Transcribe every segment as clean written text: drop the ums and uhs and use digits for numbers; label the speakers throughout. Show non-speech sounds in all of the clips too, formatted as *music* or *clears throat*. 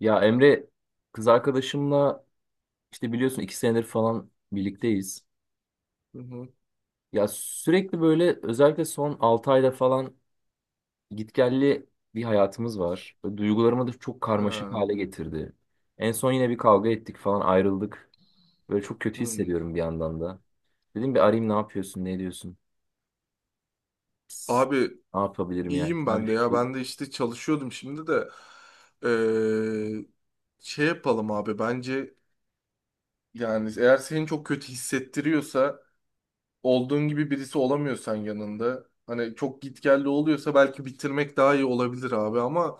Speaker 1: Ya Emre, kız arkadaşımla işte biliyorsun 2 senedir falan birlikteyiz.
Speaker 2: Hı hı.
Speaker 1: Ya sürekli böyle, özellikle son 6 ayda falan gitgelli bir hayatımız var. Böyle duygularımı da çok karmaşık
Speaker 2: Ha,
Speaker 1: hale getirdi. En son yine bir kavga ettik falan, ayrıldık. Böyle çok kötü
Speaker 2: hı.
Speaker 1: hissediyorum bir yandan da. Dedim bir arayayım, ne yapıyorsun ne ediyorsun? Psst,
Speaker 2: Abi
Speaker 1: ne yapabilirim yani,
Speaker 2: iyiyim
Speaker 1: sana bir
Speaker 2: ben de ya.
Speaker 1: fikir.
Speaker 2: Ben de işte çalışıyordum şimdi de. Ee, Şey yapalım abi bence yani eğer seni çok kötü hissettiriyorsa olduğun gibi birisi olamıyorsan yanında hani çok gitgelli oluyorsa belki bitirmek daha iyi olabilir abi ama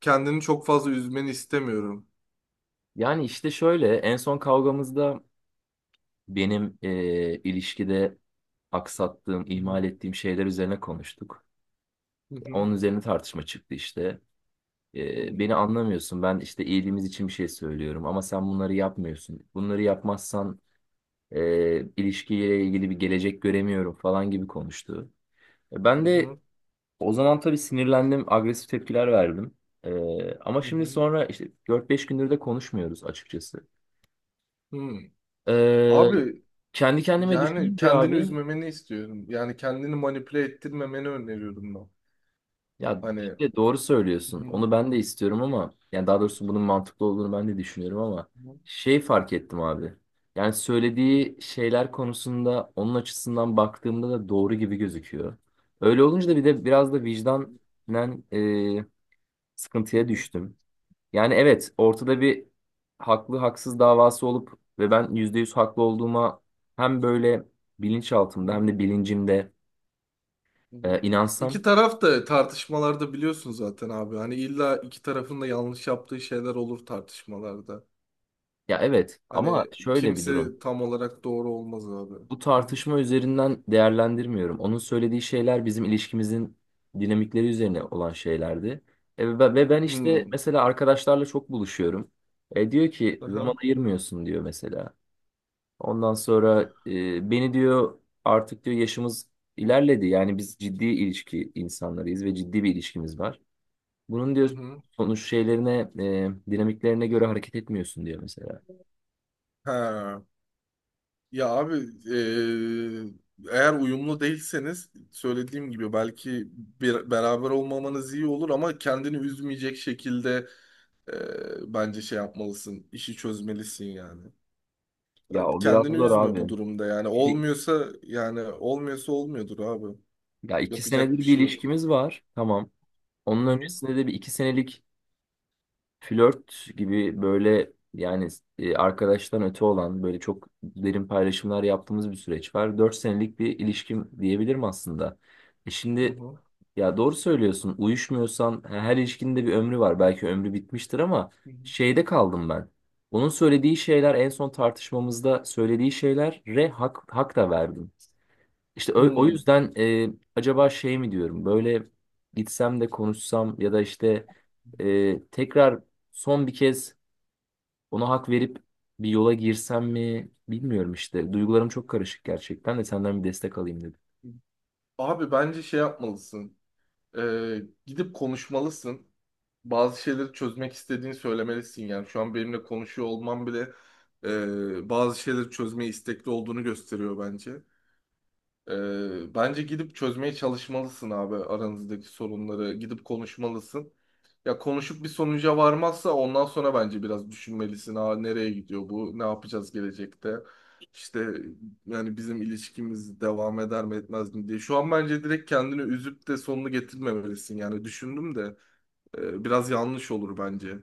Speaker 2: kendini çok fazla üzmeni istemiyorum.
Speaker 1: Yani işte şöyle, en son kavgamızda benim ilişkide aksattığım,
Speaker 2: Hı hı.
Speaker 1: ihmal ettiğim şeyler üzerine konuştuk.
Speaker 2: Hı hı.
Speaker 1: Onun üzerine tartışma çıktı işte.
Speaker 2: Hı hı.
Speaker 1: Beni anlamıyorsun. Ben işte iyiliğimiz için bir şey söylüyorum ama sen bunları yapmıyorsun. Bunları yapmazsan ilişkiyle ilgili bir gelecek göremiyorum falan gibi konuştu. E,
Speaker 2: Hı
Speaker 1: Ben de
Speaker 2: hı.
Speaker 1: o zaman tabii sinirlendim, agresif tepkiler verdim. E, ama
Speaker 2: Hı
Speaker 1: şimdi
Speaker 2: hı.
Speaker 1: sonra işte 4-5 gündür de konuşmuyoruz açıkçası.
Speaker 2: Hı.
Speaker 1: E,
Speaker 2: Abi
Speaker 1: kendi kendime
Speaker 2: yani
Speaker 1: düşününce
Speaker 2: kendini
Speaker 1: abi.
Speaker 2: üzmemeni istiyorum. Yani kendini manipüle ettirmemeni öneriyorum ben.
Speaker 1: Ya
Speaker 2: Hani
Speaker 1: işte doğru söylüyorsun.
Speaker 2: hı hı,
Speaker 1: Onu ben de istiyorum ama yani daha doğrusu bunun mantıklı olduğunu ben de düşünüyorum ama
Speaker 2: hı
Speaker 1: şey fark ettim abi. Yani söylediği şeyler konusunda onun açısından baktığımda da doğru gibi gözüküyor. Öyle olunca da bir
Speaker 2: hı,
Speaker 1: de biraz da vicdanen e,
Speaker 2: hı
Speaker 1: sıkıntıya
Speaker 2: hı,
Speaker 1: düştüm. Yani evet, ortada bir haklı haksız davası olup ve ben %100 haklı olduğuma hem böyle bilinçaltımda hem de bilincimde
Speaker 2: hı hı. iki
Speaker 1: inansam.
Speaker 2: taraf da tartışmalarda biliyorsun zaten abi. Hani illa iki tarafın da yanlış yaptığı şeyler olur tartışmalarda.
Speaker 1: Ya evet, ama
Speaker 2: Hani
Speaker 1: şöyle bir durum.
Speaker 2: kimse tam olarak doğru olmaz abi.
Speaker 1: Bu
Speaker 2: Hı hı.
Speaker 1: tartışma üzerinden değerlendirmiyorum. Onun söylediği şeyler bizim ilişkimizin dinamikleri üzerine olan şeylerdi. Ve ben işte
Speaker 2: Hı.
Speaker 1: mesela arkadaşlarla çok buluşuyorum. Diyor ki zaman
Speaker 2: Aha,
Speaker 1: ayırmıyorsun, diyor mesela. Ondan sonra beni diyor, artık diyor yaşımız ilerledi. Yani biz ciddi ilişki insanlarıyız ve ciddi bir ilişkimiz var. Bunun
Speaker 2: hı
Speaker 1: diyor
Speaker 2: hı.
Speaker 1: sonuç şeylerine, dinamiklerine göre hareket etmiyorsun diyor mesela.
Speaker 2: Ha. Ya abi eee, eğer uyumlu değilseniz söylediğim gibi belki bir, beraber olmamanız iyi olur ama kendini üzmeyecek şekilde eee, bence şey yapmalısın işi çözmelisin yani.
Speaker 1: Ya o biraz
Speaker 2: Kendini
Speaker 1: zor
Speaker 2: üzme
Speaker 1: abi.
Speaker 2: bu durumda yani
Speaker 1: Şimdi-
Speaker 2: olmuyorsa yani olmuyorsa olmuyordur abi
Speaker 1: ya iki
Speaker 2: yapacak bir
Speaker 1: senedir bir
Speaker 2: şey yok.
Speaker 1: ilişkimiz var. Tamam.
Speaker 2: Hı
Speaker 1: Onun
Speaker 2: hı.
Speaker 1: öncesinde de bir iki senelik flört gibi, böyle yani arkadaştan öte olan, böyle çok derin paylaşımlar yaptığımız bir süreç var. 4 senelik bir ilişkim diyebilirim aslında. E
Speaker 2: Hı
Speaker 1: şimdi
Speaker 2: hı.
Speaker 1: ya doğru söylüyorsun, uyuşmuyorsan her ilişkinin de bir ömrü var. Belki ömrü bitmiştir ama
Speaker 2: Hı hı.
Speaker 1: şeyde kaldım ben. Onun söylediği şeyler, en son tartışmamızda söylediği şeylere hak da verdim. İşte o
Speaker 2: Hı.
Speaker 1: yüzden acaba şey mi diyorum böyle, gitsem de konuşsam ya da işte tekrar, son bir kez ona hak verip bir yola girsem mi bilmiyorum işte. Duygularım çok karışık gerçekten, de senden bir destek alayım dedim.
Speaker 2: Abi bence şey yapmalısın. Gidip konuşmalısın. Bazı şeyleri çözmek istediğini söylemelisin. Yani şu an benimle konuşuyor olman bile bazı şeyleri çözmeye istekli olduğunu gösteriyor bence. Bence gidip çözmeye çalışmalısın abi aranızdaki sorunları. Gidip konuşmalısın. Ya konuşup bir sonuca varmazsa ondan sonra bence biraz düşünmelisin. Aa, nereye gidiyor bu? Ne yapacağız gelecekte? İşte yani bizim ilişkimiz devam eder mi etmez mi diye. Şu an bence direkt kendini üzüp de sonunu getirmemelisin. Yani düşündüm de biraz yanlış olur bence.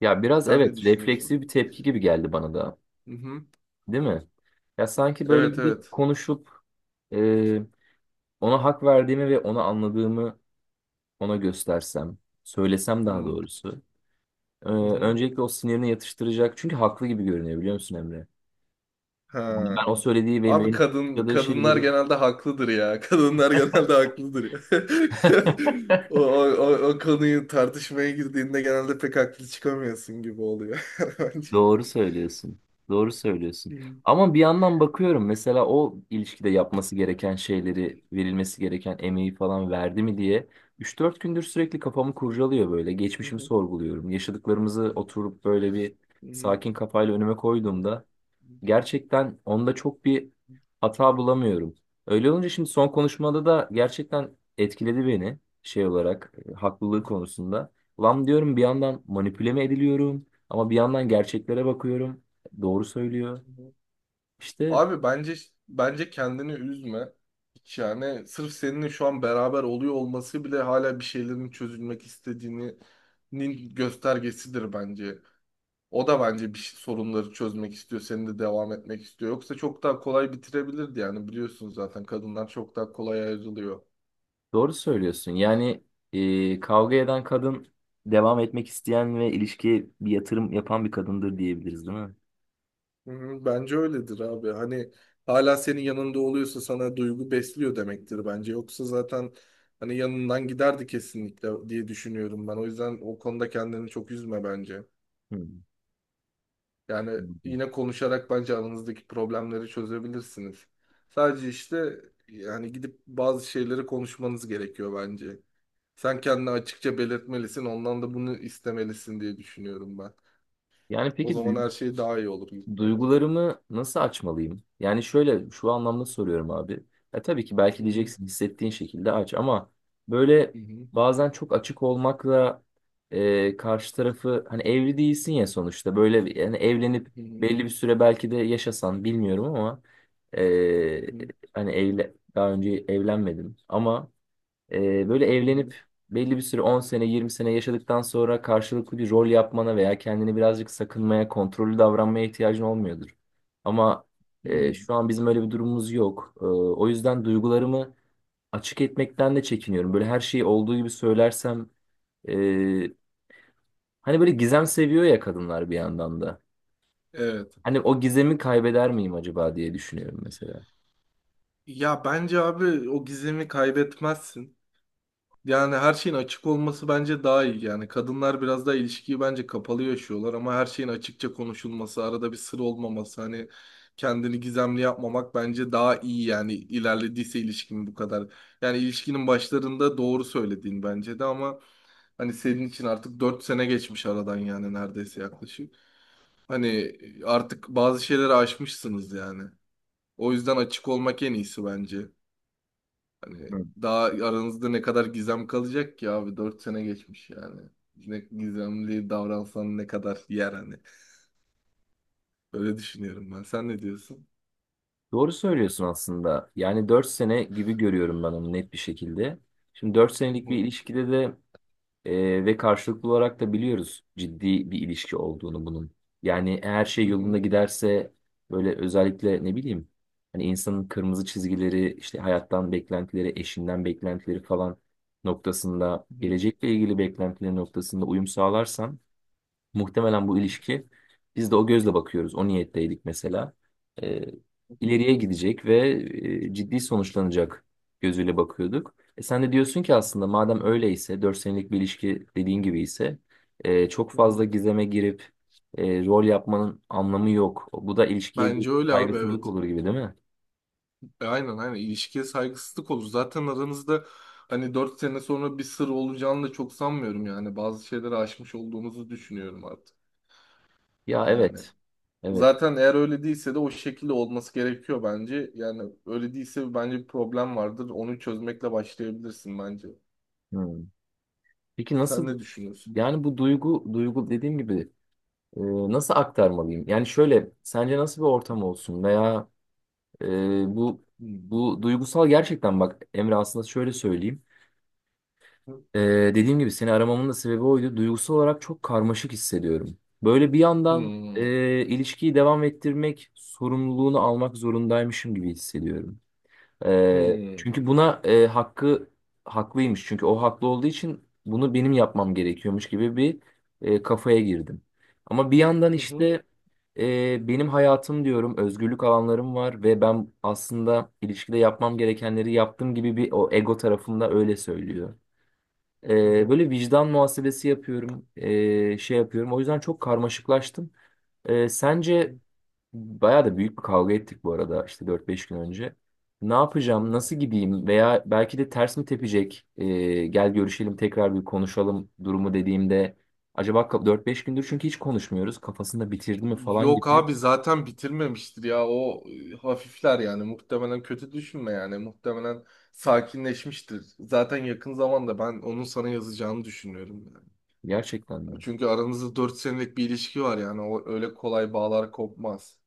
Speaker 1: Ya biraz
Speaker 2: Sen ne
Speaker 1: evet,
Speaker 2: düşünüyorsun?
Speaker 1: refleksif bir tepki gibi geldi bana da,
Speaker 2: Hı hı.
Speaker 1: değil mi? Ya sanki böyle
Speaker 2: Evet
Speaker 1: gidip
Speaker 2: evet.
Speaker 1: konuşup e, ona hak verdiğimi ve onu anladığımı ona göstersem, söylesem
Speaker 2: Hı
Speaker 1: daha
Speaker 2: hı.
Speaker 1: doğrusu. Ee,
Speaker 2: Hı.
Speaker 1: öncelikle o sinirine yatıştıracak. Çünkü haklı gibi görünüyor, biliyor musun Emre? Yani
Speaker 2: Ha.
Speaker 1: ben o söylediği ve
Speaker 2: Abi
Speaker 1: benim
Speaker 2: kadın
Speaker 1: yaşadığı
Speaker 2: kadınlar
Speaker 1: şeyleri.
Speaker 2: genelde haklıdır ya. *laughs* Kadınlar genelde haklıdır ya. *laughs* O,
Speaker 1: *laughs*
Speaker 2: o, o, o konuyu tartışmaya girdiğinde genelde pek haklı çıkamıyorsun gibi oluyor *laughs* bence.
Speaker 1: Doğru söylüyorsun. Doğru söylüyorsun.
Speaker 2: Hı hı.
Speaker 1: Ama bir yandan bakıyorum mesela, o ilişkide yapması gereken şeyleri, verilmesi gereken emeği falan verdi mi diye 3-4 gündür sürekli kafamı kurcalıyor böyle.
Speaker 2: Hı
Speaker 1: Geçmişimi
Speaker 2: hı.
Speaker 1: sorguluyorum. Yaşadıklarımızı oturup böyle bir sakin kafayla önüme
Speaker 2: Hı hı.
Speaker 1: koyduğumda gerçekten onda çok bir hata bulamıyorum. Öyle olunca, şimdi son konuşmada da gerçekten etkiledi beni şey olarak, haklılığı konusunda. Lan diyorum bir yandan manipüle mi ediliyorum, ama bir yandan gerçeklere bakıyorum. Doğru söylüyor.
Speaker 2: Hı hı.
Speaker 1: İşte
Speaker 2: Abi bence kendini üzme. Hiç yani sırf seninle şu an beraber oluyor olması bile hala bir şeylerin çözülmek istediğinin göstergesidir bence. O da bence sorunları çözmek istiyor, senin de devam etmek istiyor. Yoksa çok daha kolay bitirebilirdi yani biliyorsun zaten kadınlar çok daha kolay ayrılıyor.
Speaker 1: doğru söylüyorsun. Yani kavga eden kadın, devam etmek isteyen ve ilişkiye bir yatırım yapan bir kadındır diyebiliriz, değil mi?
Speaker 2: Hı hı, bence öyledir abi. Hani hala senin yanında oluyorsa sana duygu besliyor demektir bence. Yoksa zaten hani yanından giderdi kesinlikle diye düşünüyorum ben. O yüzden o konuda kendini çok üzme bence.
Speaker 1: Hı.
Speaker 2: Yani yine konuşarak bence aranızdaki problemleri çözebilirsiniz. Sadece işte yani gidip bazı şeyleri konuşmanız gerekiyor bence. Sen kendini açıkça belirtmelisin. Ondan da bunu istemelisin diye düşünüyorum ben.
Speaker 1: Yani
Speaker 2: O
Speaker 1: peki
Speaker 2: zaman her şey daha iyi olur gibi bence.
Speaker 1: duygularımı nasıl açmalıyım? Yani şöyle, şu anlamda soruyorum abi. Ya tabii ki,
Speaker 2: Hı
Speaker 1: belki
Speaker 2: hı,
Speaker 1: diyeceksin hissettiğin şekilde aç, ama böyle
Speaker 2: hı hı,
Speaker 1: bazen çok açık olmakla karşı tarafı, hani evli değilsin ya sonuçta, böyle yani evlenip
Speaker 2: hı hı.
Speaker 1: belli bir süre belki de yaşasan bilmiyorum, ama
Speaker 2: Hı
Speaker 1: e,
Speaker 2: hı.
Speaker 1: hani evle daha önce evlenmedim ama böyle
Speaker 2: Hı
Speaker 1: evlenip
Speaker 2: hı.
Speaker 1: belli bir süre, 10 sene 20 sene yaşadıktan sonra, karşılıklı bir rol yapmana veya kendini birazcık sakınmaya, kontrollü davranmaya ihtiyacın olmuyordur. Ama
Speaker 2: Hmm.
Speaker 1: şu an bizim öyle bir durumumuz yok. O yüzden duygularımı açık etmekten de çekiniyorum. Böyle her şeyi olduğu gibi söylersem e, hani böyle gizem seviyor ya kadınlar bir yandan da.
Speaker 2: Evet.
Speaker 1: Hani o gizemi kaybeder miyim acaba diye düşünüyorum mesela.
Speaker 2: Ya bence abi o gizemi kaybetmezsin. Yani her şeyin açık olması bence daha iyi. Yani kadınlar biraz daha ilişkiyi bence kapalı yaşıyorlar ama her şeyin açıkça konuşulması, arada bir sır olmaması, hani kendini gizemli yapmamak bence daha iyi yani ilerlediyse ilişkin bu kadar. Yani ilişkinin başlarında doğru söylediğin bence de ama hani senin için artık 4 sene geçmiş aradan yani neredeyse yaklaşık. Hani artık bazı şeyleri aşmışsınız yani. O yüzden açık olmak en iyisi bence. Hani
Speaker 1: Hı.
Speaker 2: daha aranızda ne kadar gizem kalacak ki abi 4 sene geçmiş yani. Ne gizemli davransan ne kadar yer hani. Böyle düşünüyorum ben. Sen ne diyorsun?
Speaker 1: Doğru söylüyorsun aslında. Yani 4 sene gibi görüyorum ben onu net bir şekilde. Şimdi dört
Speaker 2: Hı
Speaker 1: senelik bir
Speaker 2: hı,
Speaker 1: ilişkide de, ve karşılıklı olarak da biliyoruz ciddi bir ilişki olduğunu bunun. Yani her şey
Speaker 2: hı
Speaker 1: yolunda
Speaker 2: hı,
Speaker 1: giderse, böyle özellikle ne bileyim, hani insanın kırmızı çizgileri, işte hayattan beklentileri, eşinden beklentileri falan noktasında,
Speaker 2: hı hı,
Speaker 1: gelecekle ilgili beklentileri noktasında uyum sağlarsan muhtemelen bu ilişki, biz de o gözle bakıyoruz. O niyetteydik mesela. Ee,
Speaker 2: hı hı,
Speaker 1: ileriye gidecek ve ciddi sonuçlanacak gözüyle bakıyorduk. Sen de diyorsun ki aslında madem öyleyse 4 senelik bir ilişki dediğin gibi ise çok
Speaker 2: hı
Speaker 1: fazla
Speaker 2: hı.
Speaker 1: gizeme girip rol yapmanın anlamı yok. Bu da ilişkiye bir
Speaker 2: Bence öyle abi
Speaker 1: saygısızlık
Speaker 2: evet.
Speaker 1: olur gibi, değil mi?
Speaker 2: E, aynen aynen ilişkiye saygısızlık olur. Zaten aranızda hani 4 sene sonra bir sır olacağını da çok sanmıyorum yani. Bazı şeyleri aşmış olduğunuzu düşünüyorum artık.
Speaker 1: Ya
Speaker 2: Yani.
Speaker 1: evet. Evet.
Speaker 2: Zaten eğer öyle değilse de o şekilde olması gerekiyor bence. Yani öyle değilse bence bir problem vardır. Onu çözmekle başlayabilirsin bence.
Speaker 1: Hmm. Peki
Speaker 2: Sen
Speaker 1: nasıl,
Speaker 2: ne düşünüyorsun?
Speaker 1: yani bu duygu dediğim gibi, E, nasıl aktarmalıyım? Yani şöyle, sence nasıl bir ortam olsun veya e, bu
Speaker 2: Hmm.
Speaker 1: bu duygusal, gerçekten bak Emre, aslında şöyle söyleyeyim. E, dediğim gibi seni aramamın da sebebi oydu. Duygusal olarak çok karmaşık hissediyorum. Böyle bir yandan
Speaker 2: Hmm.
Speaker 1: ilişkiyi devam ettirmek sorumluluğunu almak zorundaymışım gibi hissediyorum. Ee,
Speaker 2: Hmm.
Speaker 1: çünkü buna e, hakkı haklıymış. Çünkü o haklı olduğu için bunu benim yapmam gerekiyormuş gibi bir kafaya girdim. Ama bir yandan
Speaker 2: Hı hı.
Speaker 1: işte benim hayatım diyorum, özgürlük alanlarım var ve ben aslında ilişkide yapmam gerekenleri yaptım gibi bir, o ego tarafımda öyle söylüyor.
Speaker 2: Hı
Speaker 1: Ee,
Speaker 2: hı.
Speaker 1: böyle vicdan muhasebesi yapıyorum, şey yapıyorum. O yüzden çok karmaşıklaştım. Sence? Bayağı da büyük bir kavga ettik bu arada işte, 4-5 gün önce. Ne
Speaker 2: Hı
Speaker 1: yapacağım,
Speaker 2: hı.
Speaker 1: nasıl gideyim, veya belki de ters mi tepecek, gel görüşelim tekrar bir konuşalım durumu dediğimde, acaba 4-5 gündür çünkü hiç konuşmuyoruz, kafasında bitirdi mi falan
Speaker 2: Yok
Speaker 1: gibi.
Speaker 2: abi zaten bitirmemiştir ya. O hafifler yani. Muhtemelen kötü düşünme yani. Muhtemelen sakinleşmiştir. Zaten yakın zamanda ben onun sana yazacağını düşünüyorum yani.
Speaker 1: Gerçekten mi?
Speaker 2: Çünkü aranızda 4 senelik bir ilişki var yani. O öyle kolay bağlar kopmaz.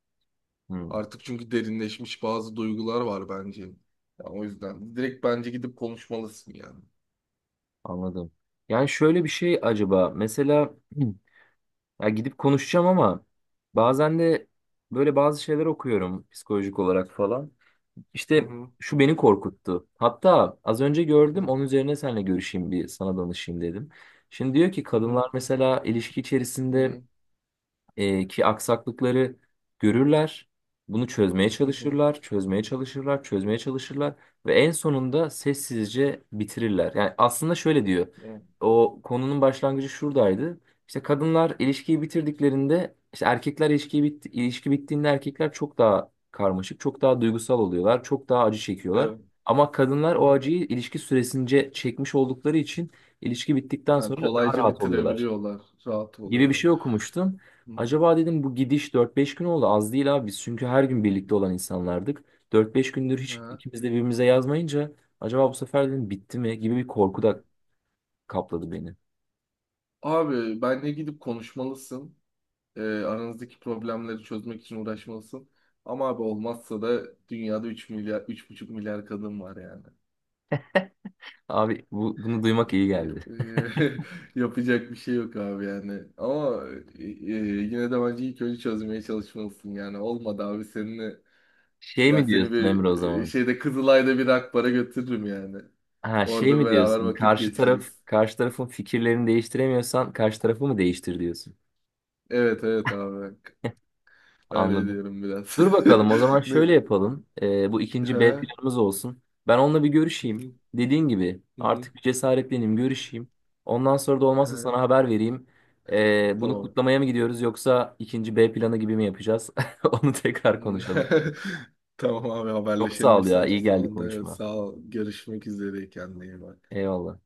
Speaker 1: Hmm,
Speaker 2: Artık çünkü derinleşmiş bazı duygular var bence. Ya o yüzden direkt bence gidip konuşmalısın yani.
Speaker 1: anladım. Yani şöyle bir şey, acaba mesela, *clears throat* ya gidip konuşacağım ama bazen de böyle bazı şeyler okuyorum psikolojik olarak falan.
Speaker 2: Hı
Speaker 1: İşte
Speaker 2: hı.
Speaker 1: şu beni korkuttu. Hatta az önce
Speaker 2: Hı
Speaker 1: gördüm,
Speaker 2: hı.
Speaker 1: onun üzerine seninle görüşeyim bir sana danışayım dedim. Şimdi diyor ki
Speaker 2: Hı hı.
Speaker 1: kadınlar mesela ilişki içerisinde ki aksaklıkları görürler. Bunu çözmeye
Speaker 2: Hı hı.
Speaker 1: çalışırlar, çözmeye çalışırlar, çözmeye çalışırlar ve en sonunda sessizce bitirirler. Yani aslında şöyle diyor.
Speaker 2: Hı.
Speaker 1: O konunun başlangıcı şuradaydı. İşte kadınlar ilişkiyi bitirdiklerinde, ilişki bittiğinde erkekler çok daha karmaşık, çok daha duygusal oluyorlar, çok daha acı çekiyorlar.
Speaker 2: Evet.
Speaker 1: Ama kadınlar o
Speaker 2: Aha.
Speaker 1: acıyı ilişki süresince çekmiş oldukları için ilişki bittikten
Speaker 2: Ha,
Speaker 1: sonra daha
Speaker 2: kolayca
Speaker 1: rahat oluyorlar
Speaker 2: bitirebiliyorlar. Rahat
Speaker 1: gibi bir
Speaker 2: oluyorlar.
Speaker 1: şey okumuştum.
Speaker 2: Hı hı.
Speaker 1: Acaba dedim, bu gidiş 4-5 gün oldu, az değil abi, biz çünkü her gün birlikte olan insanlardık. 4-5 gündür hiç
Speaker 2: Ha.
Speaker 1: ikimiz de birbirimize yazmayınca acaba bu sefer dedim bitti mi gibi bir korku
Speaker 2: Hı.
Speaker 1: da kapladı beni.
Speaker 2: Abi benle gidip konuşmalısın. Aranızdaki problemleri çözmek için uğraşmalısın. Ama abi olmazsa da dünyada 3 milyar, 3,5 milyar kadın var yani.
Speaker 1: Abi bunu duymak iyi geldi.
Speaker 2: Yap- *laughs* Yapacak bir şey yok abi yani. Ama yine de bence ilk önce çözmeye çalışmalısın yani. Olmadı abi seninle
Speaker 1: Şey
Speaker 2: ya
Speaker 1: mi
Speaker 2: seni
Speaker 1: diyorsun
Speaker 2: bir
Speaker 1: Emre, o zaman?
Speaker 2: şeyde Kızılay'da bir Akbar'a götürürüm yani.
Speaker 1: Ha, şey
Speaker 2: Orada
Speaker 1: mi
Speaker 2: beraber
Speaker 1: diyorsun?
Speaker 2: vakit
Speaker 1: Karşı taraf
Speaker 2: geçiririz.
Speaker 1: karşı tarafın fikirlerini değiştiremiyorsan karşı tarafı mı değiştir diyorsun?
Speaker 2: Evet evet abi bak. Öyle
Speaker 1: Anladım.
Speaker 2: diyorum biraz.
Speaker 1: Dur bakalım, o
Speaker 2: *laughs*
Speaker 1: zaman
Speaker 2: Ne?
Speaker 1: şöyle yapalım. Bu ikinci B
Speaker 2: Ha?
Speaker 1: planımız olsun. Ben onunla bir
Speaker 2: Hı
Speaker 1: görüşeyim.
Speaker 2: hı,
Speaker 1: Dediğin gibi
Speaker 2: hı hı.
Speaker 1: artık bir cesaretleneyim, görüşeyim. Ondan sonra da olmazsa
Speaker 2: Ha,
Speaker 1: sana haber vereyim. Bunu
Speaker 2: tamam.
Speaker 1: kutlamaya mı gidiyoruz yoksa ikinci B planı gibi mi yapacağız? *laughs* Onu tekrar konuşalım.
Speaker 2: *laughs* Tamam abi
Speaker 1: Çok
Speaker 2: haberleşelim
Speaker 1: sağ ol ya.
Speaker 2: müsait
Speaker 1: İyi
Speaker 2: bir
Speaker 1: geldi
Speaker 2: zamanda.
Speaker 1: konuşma.
Speaker 2: Sağ ol. Görüşmek üzere kendine iyi bak.
Speaker 1: Eyvallah.